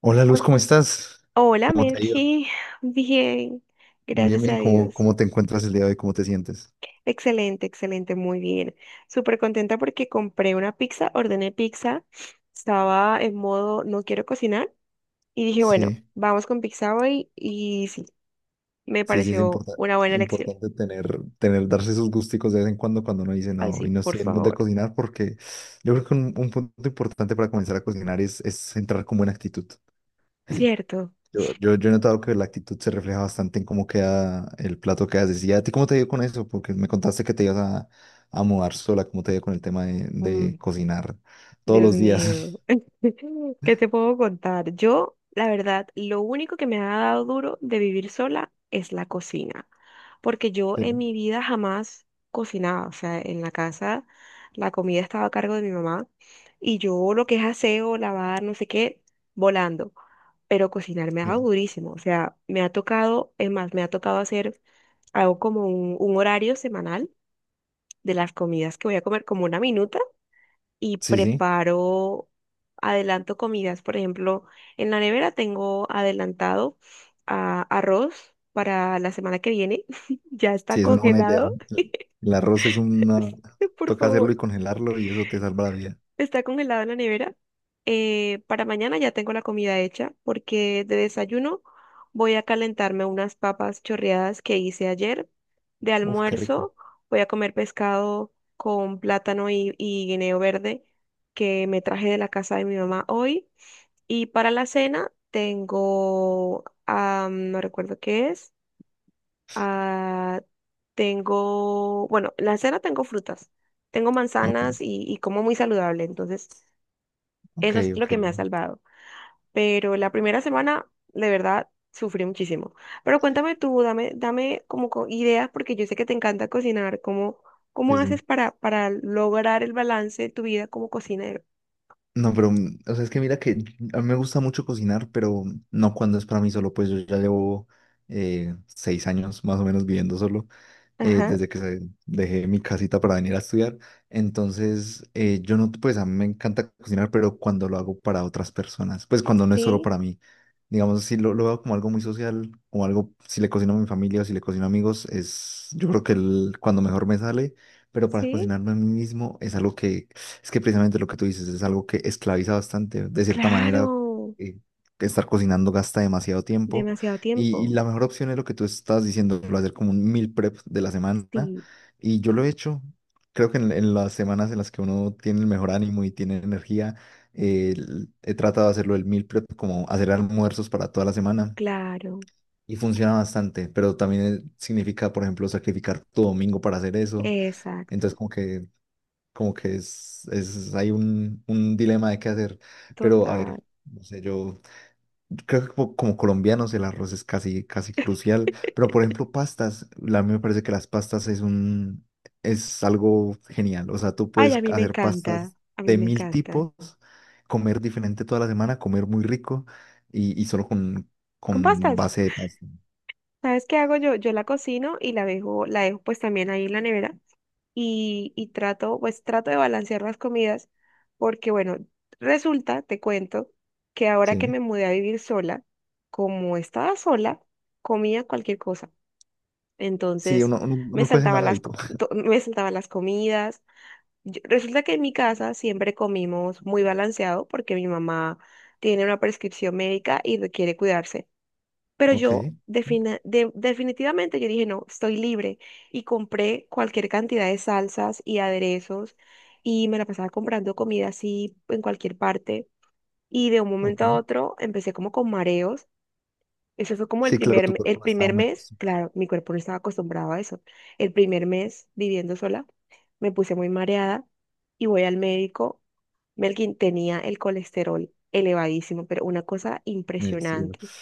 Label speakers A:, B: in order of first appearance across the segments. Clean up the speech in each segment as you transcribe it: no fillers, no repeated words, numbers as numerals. A: Hola Luz,
B: Hol-
A: ¿cómo estás?
B: Hola,
A: ¿Cómo te ha ido?
B: Melky. Bien,
A: Bien,
B: gracias
A: bien,
B: a
A: ¿cómo,
B: Dios.
A: cómo te encuentras el día de hoy? ¿Cómo te sientes?
B: Excelente, excelente, muy bien. Súper contenta porque compré una pizza, ordené pizza. Estaba en modo no quiero cocinar y dije, bueno,
A: Sí,
B: vamos con pizza hoy y sí, me
A: sí, sí, es
B: pareció
A: importante,
B: una buena elección.
A: importante tener, darse esos gusticos de vez en cuando cuando uno dice,
B: Ay,
A: no,
B: sí,
A: y no
B: por
A: estoy en el mood de
B: favor.
A: cocinar, porque yo creo que un punto importante para comenzar a cocinar es entrar con buena actitud.
B: Cierto.
A: Yo he notado que la actitud se refleja bastante en cómo queda el plato que haces. ¿Y a ti cómo te ha ido con eso? Porque me contaste que te ibas a mudar sola, ¿cómo te ha ido con el tema de,
B: Mm.
A: de cocinar todos
B: Dios
A: los días?
B: mío, ¿qué te puedo contar? Yo, la verdad, lo único que me ha dado duro de vivir sola es la cocina, porque yo
A: Sí,
B: en mi vida jamás cocinaba, o sea, en la casa la comida estaba a cargo de mi mamá y yo lo que es aseo, lavar, no sé qué, volando, pero cocinar me ha dado
A: sí.
B: durísimo, o sea, me ha tocado, es más, me ha tocado hacer, hago como un horario semanal de las comidas que voy a comer, como una minuta y
A: Sí, sí,
B: preparo, adelanto comidas. Por ejemplo, en la nevera tengo adelantado arroz para la semana que viene. Ya
A: sí,
B: está
A: es una buena idea.
B: congelado,
A: El arroz es una...
B: por
A: Toca hacerlo y
B: favor.
A: congelarlo y eso te salva la vida.
B: Está congelado en la nevera. Para mañana ya tengo la comida hecha porque de desayuno voy a calentarme unas papas chorreadas que hice ayer. De
A: Uf, qué rico.
B: almuerzo voy a comer pescado con plátano y guineo verde que me traje de la casa de mi mamá hoy. Y para la cena no recuerdo qué es. ah, en la cena tengo frutas. Tengo
A: Ok,
B: manzanas y como muy saludable. Entonces,
A: ok,
B: eso es lo
A: ok.
B: que me ha salvado. Pero la primera semana, de verdad, sufrí muchísimo. Pero cuéntame tú, dame como ideas, porque yo sé que te encanta cocinar. ¿Cómo,
A: Sí,
B: cómo
A: sí.
B: haces para lograr el balance de tu vida como cocinero?
A: No, pero, o sea, es que mira que a mí me gusta mucho cocinar, pero no cuando es para mí solo, pues yo ya llevo 6 años más o menos viviendo solo,
B: Ajá,
A: desde que dejé mi casita para venir a estudiar. Entonces, yo no, pues a mí me encanta cocinar, pero cuando lo hago para otras personas, pues cuando no es solo
B: sí,
A: para mí. Digamos, si lo veo como algo muy social, o algo, si le cocino a mi familia o si le cocino a amigos, es, yo creo que cuando mejor me sale, pero para
B: sí,
A: cocinarme a mí mismo es algo es que precisamente lo que tú dices es algo que esclaviza bastante. De cierta manera,
B: claro.
A: eh, que estar cocinando gasta demasiado tiempo.
B: Demasiado
A: Y
B: tiempo.
A: la mejor opción es lo que tú estás diciendo, lo de hacer como un meal prep de la semana.
B: Sí,
A: Y yo lo he hecho. Creo que en las semanas en las que uno tiene el mejor ánimo y tiene energía, he tratado de hacerlo el meal prep, como hacer almuerzos para toda la semana.
B: claro,
A: Y funciona bastante, pero también significa, por ejemplo, sacrificar tu domingo para hacer eso. Entonces,
B: exacto,
A: como que es, hay un dilema de qué hacer. Pero a ver,
B: total.
A: no sé, yo creo que como, como colombianos el arroz es casi, casi crucial. Pero por ejemplo, pastas, a mí me parece que las pastas es es algo genial. O sea, tú
B: Ay,
A: puedes
B: a mí me
A: hacer
B: encanta,
A: pastas
B: a mí
A: de
B: me
A: mil
B: encanta.
A: tipos, comer diferente toda la semana, comer muy rico y solo
B: Con
A: con
B: pastas.
A: base de pasta.
B: ¿Sabes qué hago yo? Yo la cocino y la dejo pues también ahí en la nevera y trato de balancear las comidas porque bueno, resulta, te cuento, que ahora que
A: Sí,
B: me mudé a vivir sola, como estaba sola, comía cualquier cosa.
A: sí,
B: Entonces
A: uno, uno, uno con ese mal hábito.
B: me saltaba las comidas. Resulta que en mi casa siempre comimos muy balanceado porque mi mamá tiene una prescripción médica y requiere cuidarse. Pero
A: Ok,
B: yo definitivamente yo dije, no, estoy libre y compré cualquier cantidad de salsas y aderezos y me la pasaba comprando comida así en cualquier parte. Y de un momento a
A: ok.
B: otro empecé como con mareos. Eso fue como
A: Sí, claro, tu
B: el
A: cuerpo no está
B: primer
A: muy
B: mes,
A: acostumbrado
B: claro, mi cuerpo no estaba acostumbrado a eso. El primer mes viviendo sola, me puse muy mareada y voy al médico. Melkin tenía el colesterol elevadísimo, pero una cosa
A: en el cielo.
B: impresionante.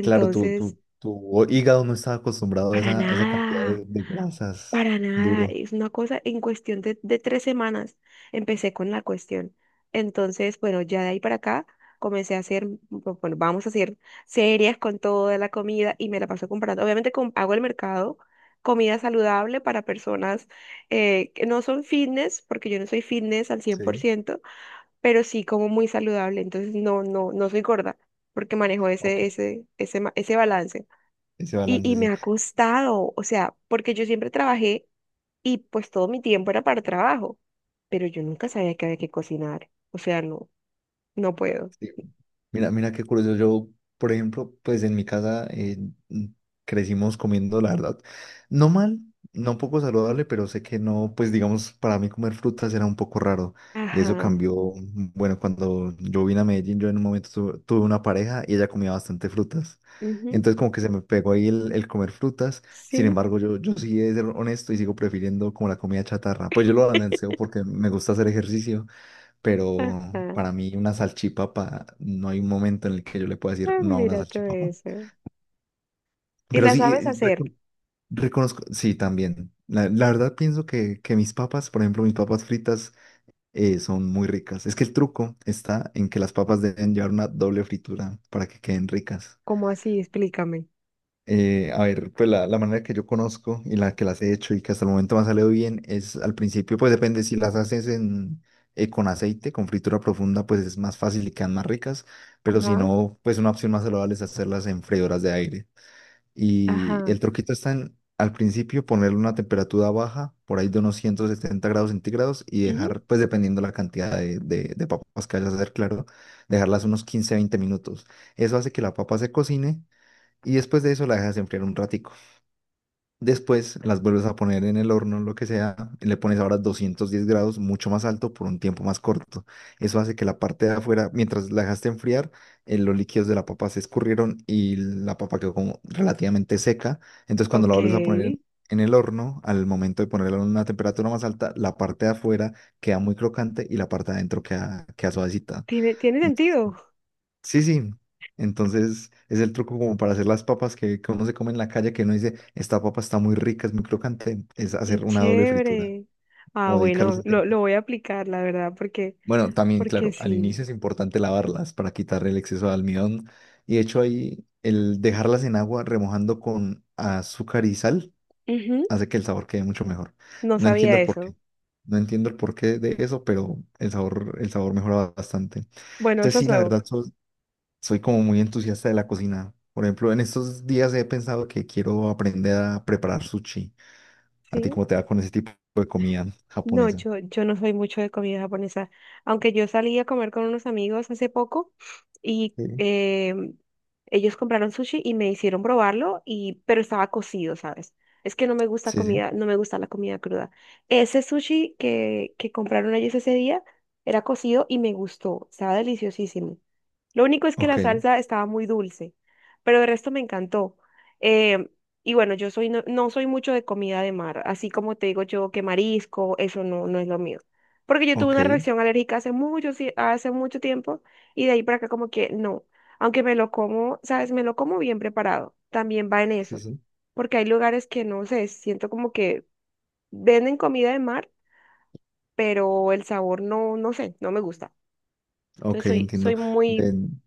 A: Claro, tu, tu, tu hígado no está acostumbrado
B: para
A: a esa cantidad
B: nada.
A: de grasas.
B: Para nada,
A: Duro.
B: es una cosa en cuestión de 3 semanas empecé con la cuestión. Entonces, bueno, ya de ahí para acá comencé a hacer, bueno, vamos a hacer series con toda la comida y me la paso comprando. Obviamente hago el mercado, comida saludable para personas que no son fitness, porque yo no soy fitness al cien por
A: Sí,
B: ciento pero sí como muy saludable. Entonces, no, no, no soy gorda, porque manejo
A: ok.
B: ese balance.
A: Ese
B: Y
A: balance,
B: me
A: sí.
B: ha costado, o sea, porque yo siempre trabajé y pues todo mi tiempo era para trabajo, pero yo nunca sabía que había que cocinar, o sea, no, no puedo.
A: Sí, mira, mira qué curioso. Yo, por ejemplo, pues en mi casa mm, crecimos comiendo, la verdad, no mal, no poco saludable, pero sé que no, pues digamos, para mí comer frutas era un poco raro. Y eso
B: Ajá,
A: cambió, bueno, cuando yo vine a Medellín, yo en un momento tuve una pareja y ella comía bastante frutas.
B: ujú,
A: Entonces como que se me pegó ahí el comer frutas. Sin
B: sí,
A: embargo, yo sí he de ser honesto y sigo prefiriendo como la comida chatarra. Pues yo lo balanceo porque me gusta hacer ejercicio pero
B: ajá,
A: para mí una salchipapa, no hay un momento en el que yo le pueda decir
B: ah,
A: no a una
B: mira todo
A: salchipapa.
B: eso. ¿Y
A: Pero
B: la
A: sí,
B: sabes hacer?
A: reconozco, sí, también. La verdad pienso que mis papas, por ejemplo, mis papas fritas son muy ricas. Es que el truco está en que las papas deben llevar una doble fritura para que queden ricas.
B: ¿Cómo así? Explícame.
A: A ver, pues la manera que yo conozco y la que las he hecho y que hasta el momento me ha salido bien es al principio, pues depende si las haces con aceite, con fritura profunda, pues es más fácil y quedan más ricas, pero si
B: Ajá,
A: no, pues una opción más saludable es hacerlas en freidoras de aire. Y
B: ajá,
A: el truquito está en al principio ponerle una temperatura baja, por ahí de unos 170 grados centígrados y
B: ujú,
A: dejar, pues dependiendo la cantidad de papas que vayas a hacer, claro, dejarlas unos 15-20 minutos. Eso hace que la papa se cocine y después de eso la dejas enfriar un ratico. Después las vuelves a poner en el horno, lo que sea, y le pones ahora 210 grados, mucho más alto, por un tiempo más corto. Eso hace que la parte de afuera, mientras la dejaste enfriar, los líquidos de la papa se escurrieron y la papa quedó como relativamente seca. Entonces cuando la vuelves a poner
B: ok,
A: en el horno, al momento de ponerla a una temperatura más alta, la parte de afuera queda muy crocante y la parte de adentro queda, queda suavecita.
B: tiene
A: Entonces,
B: sentido,
A: sí, sí. Entonces es el truco como para hacer las papas que uno se come en la calle, que uno dice, esta papa está muy rica, es muy crocante, es
B: qué
A: hacer una doble fritura
B: chévere. Ah,
A: o dedicarle
B: bueno,
A: ese
B: lo,
A: tiempo.
B: lo voy a aplicar, la verdad, porque,
A: Bueno, también,
B: porque
A: claro, al
B: sí,
A: inicio es importante lavarlas para quitar el exceso de almidón. Y de hecho ahí el dejarlas en agua remojando con azúcar y sal
B: ujú,
A: hace que el sabor quede mucho mejor.
B: no
A: No entiendo
B: sabía
A: el
B: eso.
A: porqué. No entiendo el porqué de eso, pero el sabor mejora bastante.
B: Bueno,
A: Entonces
B: eso es
A: sí, la
B: nuevo.
A: verdad, soy como muy entusiasta de la cocina. Por ejemplo, en estos días he pensado que quiero aprender a preparar sushi. ¿A ti
B: Sí.
A: cómo te va con ese tipo de comida
B: No,
A: japonesa?
B: yo no soy mucho de comida japonesa, aunque yo salí a comer con unos amigos hace poco y
A: Sí,
B: ellos compraron sushi y me hicieron probarlo, pero estaba cocido, ¿sabes? Es que
A: sí, sí.
B: no me gusta la comida cruda. Ese sushi que compraron ellos ese día era cocido y me gustó, estaba deliciosísimo. Lo único es que la
A: Ok,
B: salsa estaba muy dulce, pero el resto me encantó. Em, y bueno, yo soy no, no soy mucho de comida de mar, así como te digo yo que marisco, eso no, no es lo mío. Porque yo tuve
A: ok,
B: una reacción alérgica hace mucho, sí, hace mucho tiempo y de ahí para acá como que no. Aunque me lo como, ¿sabes? Me lo como bien preparado. También va en
A: sí,
B: eso.
A: sí.
B: Porque hay lugares que no sé, siento como que venden comida de mar, pero el sabor no, no sé, no me gusta. Entonces
A: Ok,
B: soy,
A: entiendo.
B: soy muy
A: Ven,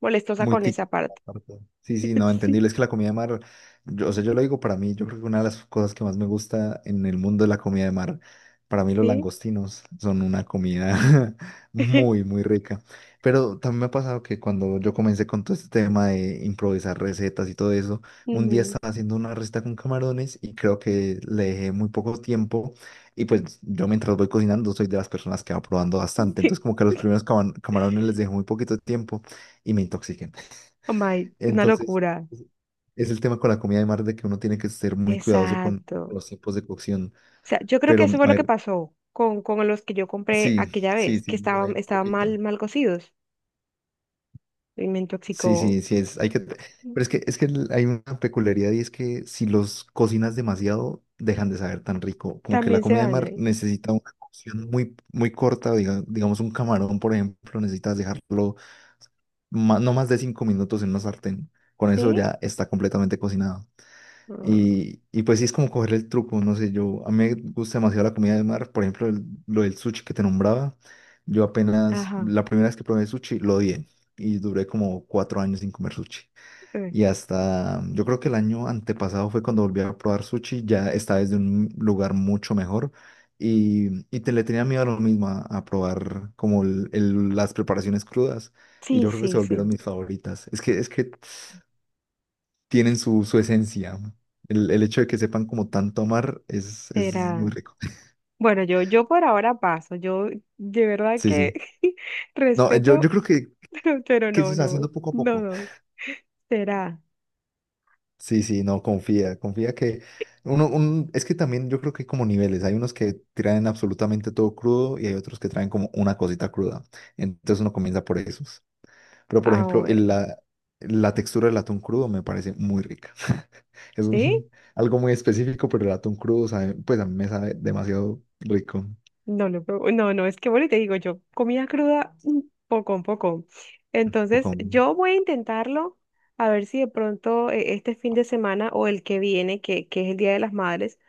B: molestosa
A: muy
B: con
A: típico,
B: esa parte.
A: aparte. Sí, sí, no, entendible. Es que la comida de mar, yo, o sea, yo lo digo para mí, yo creo que una de las cosas que más me gusta en el mundo de la comida de mar, para mí
B: Sí,
A: los
B: sí.
A: langostinos son una comida muy, muy rica. Pero también me ha pasado que cuando yo comencé con todo este tema de improvisar recetas y todo eso, un día
B: Ujú.
A: estaba haciendo una receta con camarones y creo que le dejé muy poco tiempo. Y pues yo mientras voy cocinando soy de las personas que va probando bastante.
B: Sí.
A: Entonces como que a los primeros camarones les dejé muy poquito tiempo y me intoxiqué.
B: Oh my, una
A: Entonces,
B: locura.
A: es el tema con la comida de mar de que uno tiene que ser muy cuidadoso con
B: Exacto.
A: los tiempos de cocción.
B: O sea, yo creo que
A: Pero,
B: eso fue
A: a
B: lo que
A: ver,
B: pasó con los que yo compré
A: sí,
B: aquella
A: sí,
B: vez,
A: sí,
B: que
A: lo dejo
B: estaban,
A: un
B: estaban
A: poquito.
B: mal, mal cocidos y me
A: Sí,
B: intoxicó.
A: sí, sí, hay que... Pero es que hay una peculiaridad y es que si los cocinas demasiado, dejan de saber tan rico. Como que la
B: También se
A: comida de mar
B: dañan.
A: necesita una cocción muy, muy corta, digamos un camarón, por ejemplo, necesitas dejarlo no más de 5 minutos en una sartén. Con eso
B: ¿Sí?
A: ya está completamente cocinado.
B: Ah,
A: Y pues sí es como coger el truco, no sé, yo a mí me gusta demasiado la comida de mar, por ejemplo, lo del sushi que te nombraba, yo apenas,
B: ajá.
A: la primera vez que probé sushi lo odié y duré como 4 años sin comer sushi.
B: eh,
A: Y hasta, yo creo que el año antepasado fue cuando volví a probar sushi, ya esta vez de un lugar mucho mejor y te le tenía miedo a lo mismo, a probar como las preparaciones crudas y yo
B: Sí,
A: creo que
B: sí,
A: se volvieron
B: sí.
A: mis favoritas. Es que tienen su esencia, ¿no? El hecho de que sepan como tanto amar es
B: Será.
A: muy rico.
B: Bueno, yo por ahora paso. Yo de verdad
A: Sí,
B: que
A: sí. No, yo
B: respeto,
A: creo
B: pero
A: que eso se
B: no,
A: está
B: no,
A: haciendo poco a
B: no,
A: poco.
B: no. Será.
A: Sí, sí, no, confía, confía que uno, un, es que también yo creo que hay como niveles. Hay unos que traen absolutamente todo crudo y hay otros que traen como una cosita cruda. Entonces uno comienza por esos. Pero por
B: Ah,
A: ejemplo,
B: bueno.
A: la textura del atún crudo me parece muy rica. Es
B: ¿Sí?
A: un, algo muy específico, pero el atún crudo pues a mí me sabe demasiado rico.
B: No lo probo. No, no, es que bueno, y te digo yo, comida cruda, un poco. Entonces, yo voy a intentarlo, a ver si de pronto este fin de semana o el que viene, que es el Día de las Madres,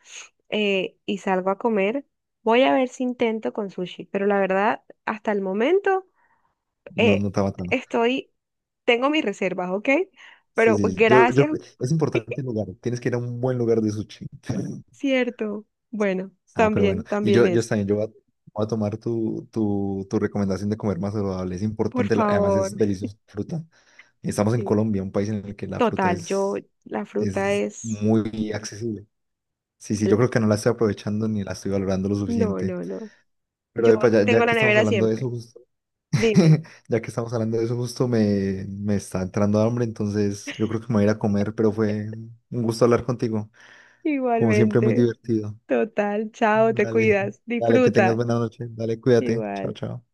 B: y salgo a comer, voy a ver si intento con sushi. Pero la verdad, hasta el momento,
A: No,
B: eh,
A: no está matando.
B: estoy, tengo mis reservas, ¿ok?
A: Sí,
B: Pero
A: sí, sí. Yo,
B: gracias,
A: es importante el lugar. Tienes que ir a un buen lugar de sushi.
B: cierto. Bueno,
A: Ah, pero bueno.
B: también,
A: Y
B: también
A: yo
B: es.
A: también, yo voy a, voy a tomar tu recomendación de comer más saludable. Es
B: Por
A: importante, además
B: favor.
A: es deliciosa la fruta. Estamos en
B: Sí.
A: Colombia, un país en el que la fruta
B: Total, la fruta
A: es
B: es.
A: muy accesible. Sí, sí, yo
B: el-
A: creo que no la estoy aprovechando ni la estoy valorando lo
B: No,
A: suficiente.
B: no, no.
A: Pero
B: Yo
A: epa,
B: tengo
A: ya que
B: la
A: estamos
B: nevera
A: hablando de eso,
B: siempre. Dime.
A: ya que estamos hablando de eso, justo me está entrando hambre, entonces yo creo que me voy a ir a comer, pero fue un gusto hablar contigo. Como siempre, muy
B: Igualmente.
A: divertido.
B: Total, chao, te
A: Dale,
B: cuidas.
A: dale, que tengas
B: Disfruta.
A: buena noche. Dale, cuídate. Chao,
B: Igual.
A: chao.